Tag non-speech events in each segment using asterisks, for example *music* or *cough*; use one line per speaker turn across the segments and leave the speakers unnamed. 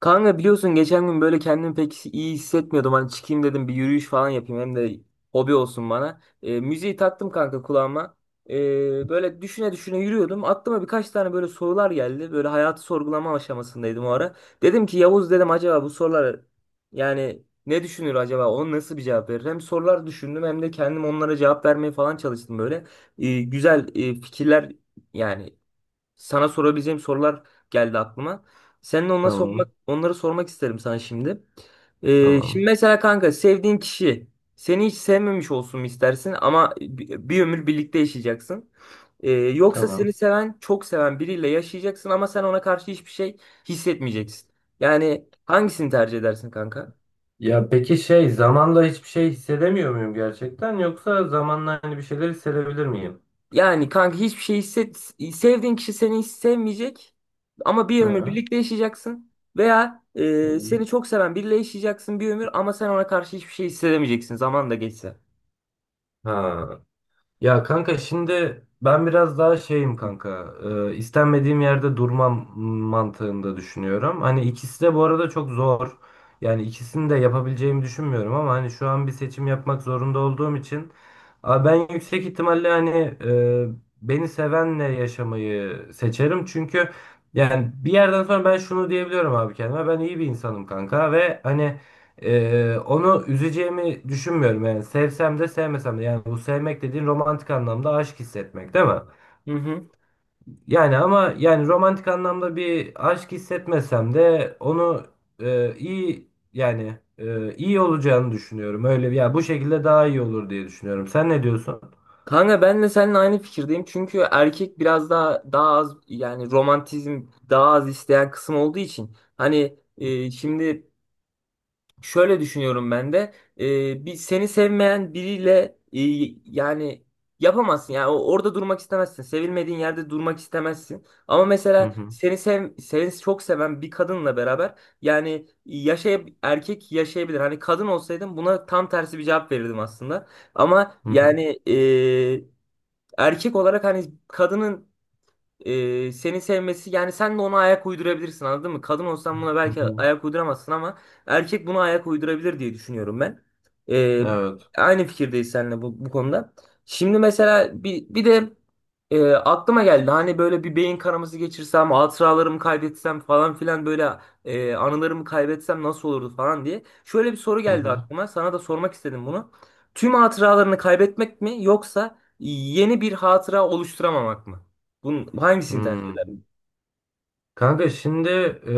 Kanka biliyorsun geçen gün böyle kendimi pek iyi hissetmiyordum. Hani çıkayım dedim bir yürüyüş falan yapayım hem de hobi olsun bana. Müziği taktım kanka kulağıma. Böyle düşüne düşüne yürüyordum. Aklıma birkaç tane böyle sorular geldi. Böyle hayatı sorgulama aşamasındaydım o ara. Dedim ki Yavuz dedim acaba bu sorular yani ne düşünür acaba? Onu nasıl bir cevap verir? Hem sorular düşündüm hem de kendim onlara cevap vermeye falan çalıştım böyle. Güzel fikirler yani sana sorabileceğim sorular geldi aklıma. Seninle onları sormak,
Tamam,
onları sormak isterim sana şimdi. Şimdi
tamam,
mesela kanka sevdiğin kişi seni hiç sevmemiş olsun mu istersin ama bir ömür birlikte yaşayacaksın. Yoksa seni
tamam.
seven, çok seven biriyle yaşayacaksın ama sen ona karşı hiçbir şey hissetmeyeceksin. Yani hangisini tercih edersin kanka?
Ya peki zamanla hiçbir şey hissedemiyor muyum gerçekten yoksa zamanla hani bir şeyler hissedebilir miyim?
Yani kanka hiçbir şey hisset sevdiğin kişi seni hiç sevmeyecek ama bir ömür
Ha,
birlikte yaşayacaksın veya
tamam.
seni çok seven biriyle yaşayacaksın bir ömür ama sen ona karşı hiçbir şey hissedemeyeceksin zaman da geçse.
Ha, Ya kanka şimdi ben biraz daha şeyim kanka. İstenmediğim yerde durmam mantığında düşünüyorum. Hani ikisi de bu arada çok zor. Yani ikisini de yapabileceğimi düşünmüyorum ama hani şu an bir seçim yapmak zorunda olduğum için ben yüksek ihtimalle e, beni sevenle yaşamayı seçerim. Çünkü yani bir yerden sonra ben şunu diyebiliyorum abi kendime. Ben iyi bir insanım kanka ve onu üzeceğimi düşünmüyorum yani sevsem de sevmesem de. Yani bu sevmek dediğin romantik anlamda aşk hissetmek, değil mi?
Hı hı.
Yani ama yani romantik anlamda bir aşk hissetmesem de onu iyi, iyi olacağını düşünüyorum. Ya bu şekilde daha iyi olur diye düşünüyorum, sen ne diyorsun?
Kanka ben de seninle aynı fikirdeyim çünkü erkek biraz daha az yani romantizm daha az isteyen kısım olduğu için hani şimdi şöyle düşünüyorum ben de. Bir seni sevmeyen biriyle yani yapamazsın. Yani orada durmak istemezsin. Sevilmediğin yerde durmak istemezsin. Ama
Hı
mesela
hı,
seni çok seven bir kadınla beraber yani erkek yaşayabilir. Hani kadın olsaydım buna tam tersi bir cevap verirdim aslında. Ama
hı hı,
yani e, erkek olarak hani kadının seni sevmesi yani sen de ona ayak uydurabilirsin anladın mı? Kadın olsan buna
hı
belki
hı.
ayak uyduramazsın ama erkek buna ayak uydurabilir diye düşünüyorum ben. E,
Evet.
Aynı fikirdeyiz seninle bu konuda. Şimdi mesela bir de aklıma geldi hani böyle bir beyin kanaması geçirsem, hatıralarımı kaybetsem falan filan böyle anılarımı kaybetsem nasıl olurdu falan diye. Şöyle bir soru
Hı
geldi
hı.
aklıma. Sana da sormak istedim bunu. Tüm hatıralarını kaybetmek mi yoksa yeni bir hatıra oluşturamamak mı? Bunun hangisini tercih
Hmm.
ederdin?
Kanka şimdi, eee,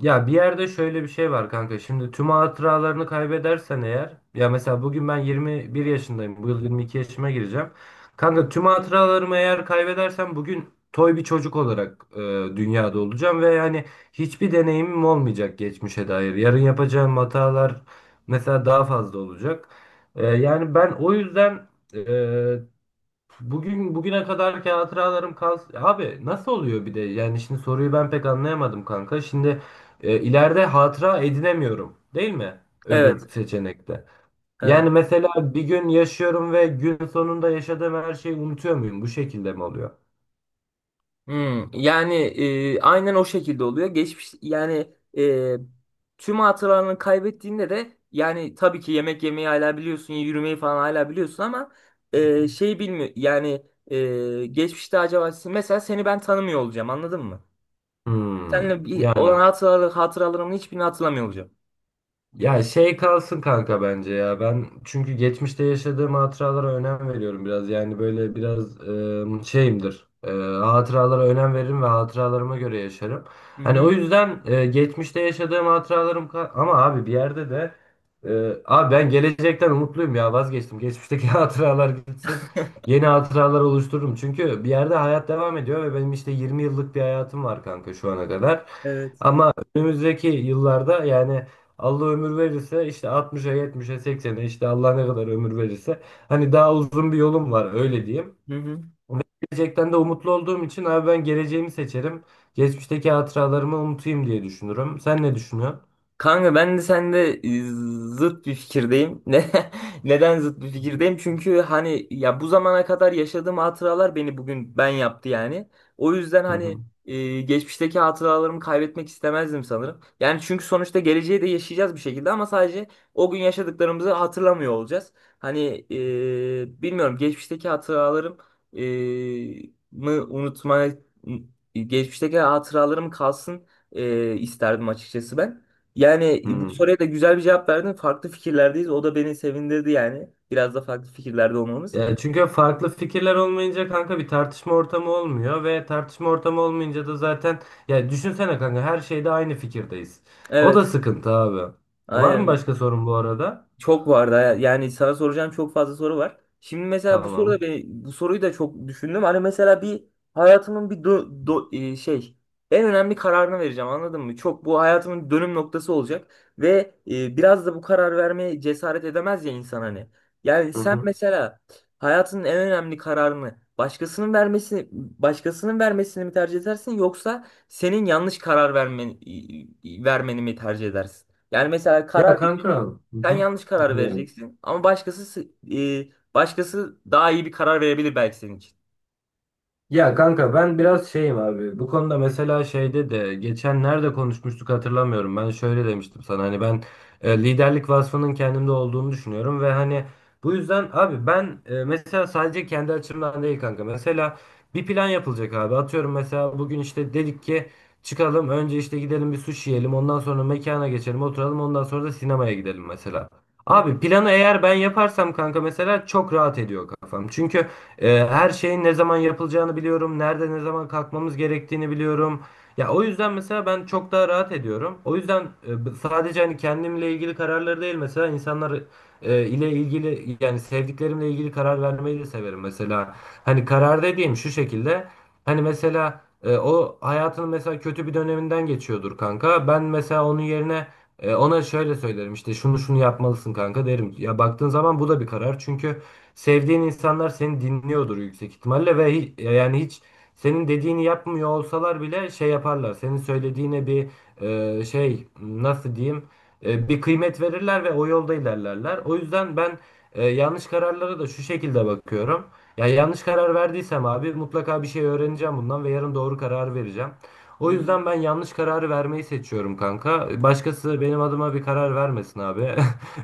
ya bir yerde şöyle bir şey var kanka. Şimdi tüm hatıralarını kaybedersen eğer, ya mesela bugün ben 21 yaşındayım. Bu yıl 22 yaşıma gireceğim. Kanka tüm hatıralarımı eğer kaybedersem bugün toy bir çocuk olarak dünyada olacağım ve yani hiçbir deneyimim olmayacak geçmişe dair. Yarın yapacağım hatalar mesela daha fazla olacak. Yani ben o yüzden Bugün bugüne kadarki hatıralarım kalsın. Abi nasıl oluyor bir de? Yani şimdi soruyu ben pek anlayamadım kanka. Şimdi ileride hatıra edinemiyorum, değil mi?
Evet,
Öbür seçenekte.
evet.
Yani mesela bir gün yaşıyorum ve gün sonunda yaşadığım her şeyi unutuyor muyum? Bu şekilde mi oluyor?
Hmm, yani aynen o şekilde oluyor. Geçmiş yani tüm hatıralarını kaybettiğinde de yani tabii ki yemek yemeyi hala biliyorsun, yürümeyi falan hala biliyorsun ama şey bilmiyor yani geçmişte acaba mesela seni ben tanımıyor olacağım anladın mı?
Hmm,
Seninle bir
yani.
olan hatıraları, hatıralarımın hiçbirini hatırlamıyor olacağım.
Ya şey kalsın kanka bence ya. Ben çünkü geçmişte yaşadığım hatıralara önem veriyorum biraz. Yani böyle biraz şeyimdir. Hatıralara önem veririm ve hatıralarıma göre yaşarım.
Hı
Hani
hı.
o yüzden geçmişte yaşadığım ama abi bir yerde de, abi ben gelecekten umutluyum, ya vazgeçtim. Geçmişteki *laughs* hatıralar gitsin. Yeni hatıralar oluştururum. Çünkü bir yerde hayat devam ediyor ve benim işte 20 yıllık bir hayatım var kanka şu ana kadar.
Evet.
Ama önümüzdeki yıllarda yani Allah ömür verirse işte 60'a 70'e 80'e, işte Allah ne kadar ömür verirse, hani daha uzun bir yolum var öyle diyeyim.
Hı hı.
Ve gelecekten de umutlu olduğum için abi ben geleceğimi seçerim. Geçmişteki hatıralarımı unutayım diye düşünürüm. Sen ne düşünüyorsun?
Kanka ben de sende zıt bir fikirdeyim. *laughs* Neden zıt bir fikirdeyim? Çünkü hani ya bu zamana kadar yaşadığım hatıralar beni bugün ben yaptı yani. O yüzden
Hı
hani
hı.
geçmişteki hatıralarımı kaybetmek istemezdim sanırım. Yani çünkü sonuçta geleceği de yaşayacağız bir şekilde ama sadece o gün yaşadıklarımızı hatırlamıyor olacağız. Hani e, bilmiyorum geçmişteki hatıralarım e, mı unutma geçmişteki hatıralarım kalsın isterdim açıkçası ben. Yani bu
Hı.
soruya da güzel bir cevap verdin. Farklı fikirlerdeyiz. O da beni sevindirdi yani. Biraz da farklı fikirlerde olmamız.
Ya çünkü farklı fikirler olmayınca kanka bir tartışma ortamı olmuyor ve tartışma ortamı olmayınca da zaten, ya düşünsene kanka her şeyde aynı fikirdeyiz. O da
Evet.
sıkıntı abi. Var mı
Aynen.
başka sorun bu arada?
Çok vardı. Yani sana soracağım çok fazla soru var. Şimdi mesela bu soru da
Tamam.
beni, bu soruyu da çok düşündüm. Hani mesela bir hayatımın bir do, do- e, şey en önemli kararını vereceğim anladın mı? Çok bu hayatımın dönüm noktası olacak ve biraz da bu karar vermeye cesaret edemez ya insan hani. Yani
Hı
sen
hı.
mesela hayatının en önemli kararını başkasının vermesini mi tercih edersin yoksa senin vermeni mi tercih edersin? Yani mesela
Ya
karar
kanka, hı
sen
hı.
yanlış karar
Dinliyorum.
vereceksin ama başkası daha iyi bir karar verebilir belki senin için.
Ya kanka ben biraz şeyim abi. Bu konuda mesela şeyde de geçen nerede konuşmuştuk hatırlamıyorum. Ben şöyle demiştim sana, hani ben liderlik vasfının kendimde olduğunu düşünüyorum ve hani bu yüzden abi ben, mesela sadece kendi açımdan değil kanka. Mesela bir plan yapılacak abi. Atıyorum mesela bugün işte dedik ki çıkalım, önce işte gidelim bir sushi yiyelim. Ondan sonra mekana geçelim oturalım. Ondan sonra da sinemaya gidelim mesela.
Hı hı.
Abi planı eğer ben yaparsam kanka mesela çok rahat ediyor kafam. Çünkü her şeyin ne zaman yapılacağını biliyorum. Nerede ne zaman kalkmamız gerektiğini biliyorum. Ya o yüzden mesela ben çok daha rahat ediyorum. O yüzden sadece hani kendimle ilgili kararları değil, mesela insanlar ile ilgili, yani sevdiklerimle ilgili karar vermeyi de severim mesela. Hani karar dediğim şu şekilde. Hani mesela o hayatının mesela kötü bir döneminden geçiyordur kanka. Ben mesela onun yerine ona şöyle söylerim, işte şunu şunu yapmalısın kanka derim. Ya baktığın zaman bu da bir karar. Çünkü sevdiğin insanlar seni dinliyordur yüksek ihtimalle ve yani hiç senin dediğini yapmıyor olsalar bile şey yaparlar. Senin söylediğine bir, e, şey nasıl diyeyim bir kıymet verirler ve o yolda ilerlerler. O yüzden ben yanlış kararlara da şu şekilde bakıyorum. Ya yanlış karar verdiysem abi mutlaka bir şey öğreneceğim bundan ve yarın doğru karar vereceğim. O
Hmm.
yüzden ben yanlış kararı vermeyi seçiyorum kanka. Başkası benim adıma bir karar vermesin abi. *laughs*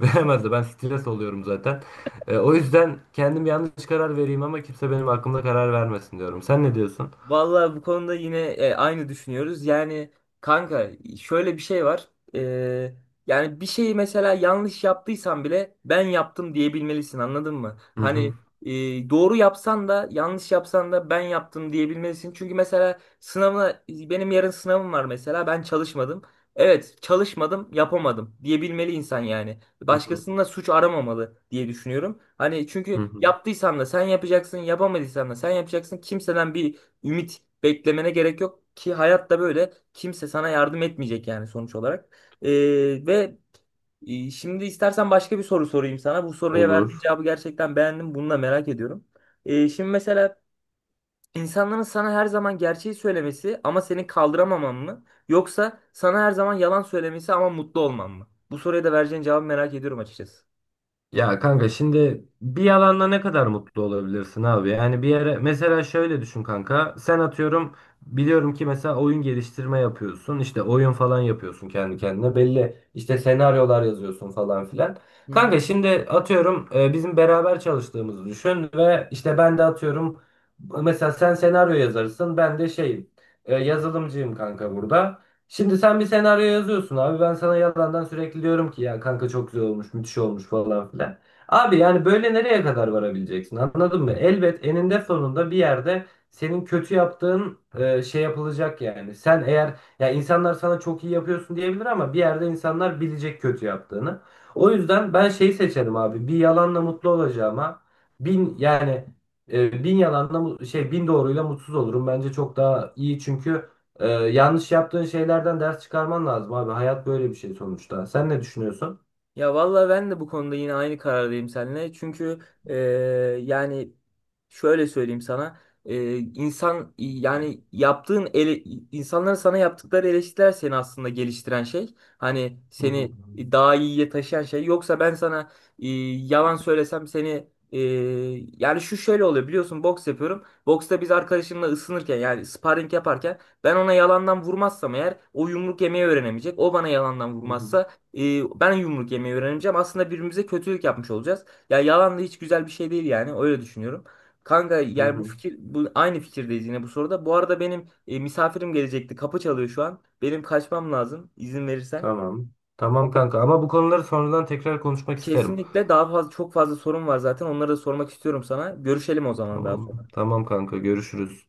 Veremez de, ben stres oluyorum zaten. O yüzden kendim yanlış karar vereyim ama kimse benim hakkımda karar vermesin diyorum. Sen ne diyorsun?
Vallahi bu konuda yine aynı düşünüyoruz. Yani kanka şöyle bir şey var. E, Yani bir şeyi mesela yanlış yaptıysan bile ben yaptım diyebilmelisin anladın mı?
Hı
Hani
hı.
e, doğru yapsan da yanlış yapsan da ben yaptım diyebilmelisin. Çünkü mesela sınavına benim yarın sınavım var mesela ben çalışmadım. Evet çalışmadım yapamadım diyebilmeli insan yani.
Hı hı.
Başkasında suç aramamalı diye düşünüyorum. Hani
Hı
çünkü
hı.
yaptıysan da sen yapacaksın yapamadıysan da sen yapacaksın kimseden bir ümit beklemene gerek yok ki hayatta böyle kimse sana yardım etmeyecek yani sonuç olarak. Ee, ve Şimdi istersen başka bir soru sorayım sana. Bu soruya verdiğin
Olur.
cevabı gerçekten beğendim. Bunu da merak ediyorum. Şimdi mesela insanların sana her zaman gerçeği söylemesi ama seni kaldıramaman mı? Yoksa sana her zaman yalan söylemesi ama mutlu olman mı? Bu soruya da vereceğin cevabı merak ediyorum açıkçası.
Ya kanka şimdi bir yalanla ne kadar mutlu olabilirsin abi? Yani bir yere mesela şöyle düşün kanka. Sen atıyorum biliyorum ki mesela oyun geliştirme yapıyorsun, işte oyun falan yapıyorsun kendi kendine. Belli işte senaryolar yazıyorsun falan filan.
Hı hı.
Kanka şimdi atıyorum bizim beraber çalıştığımızı düşün ve işte ben de atıyorum mesela sen senaryo yazarsın, ben de şeyim, yazılımcıyım kanka burada. Şimdi sen bir senaryo yazıyorsun abi. Ben sana yalandan sürekli diyorum ki ya kanka çok güzel olmuş, müthiş olmuş falan filan. Abi yani böyle nereye kadar varabileceksin? Anladın mı? Elbet eninde sonunda bir yerde senin kötü yaptığın şey yapılacak yani. Sen, eğer ya insanlar sana çok iyi yapıyorsun diyebilir ama bir yerde insanlar bilecek kötü yaptığını. O yüzden ben şeyi seçerim abi. Bir yalanla mutlu olacağıma bin yani e, bin yalanla mu- şey bin doğruyla mutsuz olurum. Bence çok daha iyi, çünkü yanlış yaptığın şeylerden ders çıkarman lazım abi. Hayat böyle bir şey sonuçta. Sen ne düşünüyorsun?
Ya vallahi ben de bu konuda yine aynı karardayım seninle. Çünkü e, yani şöyle söyleyeyim sana. İnsan yani insanların sana yaptıkları eleştiriler seni aslında geliştiren şey. Hani
Hı hı.
seni daha iyiye taşıyan şey. Yoksa ben sana e, yalan söylesem e, yani şu şöyle oluyor biliyorsun boks yapıyorum. Boksta biz arkadaşımla ısınırken yani sparring yaparken ben ona yalandan vurmazsam eğer o yumruk yemeyi öğrenemeyecek. O bana yalandan
Hı hı.
vurmazsa ben yumruk yemeyi öğreneceğim. Aslında birbirimize kötülük yapmış olacağız. Ya yalan da hiç güzel bir şey değil yani. Öyle düşünüyorum. Kanka
Hı
yani
hı.
bu aynı fikirdeyiz yine bu soruda. Bu arada benim misafirim gelecekti. Kapı çalıyor şu an. Benim kaçmam lazım izin verirsen.
Tamam. Tamam kanka, ama bu konuları sonradan tekrar konuşmak isterim.
Kesinlikle daha fazla çok fazla sorun var zaten. Onları da sormak istiyorum sana. Görüşelim o zaman daha
Tamam.
sonra.
Tamam kanka, görüşürüz.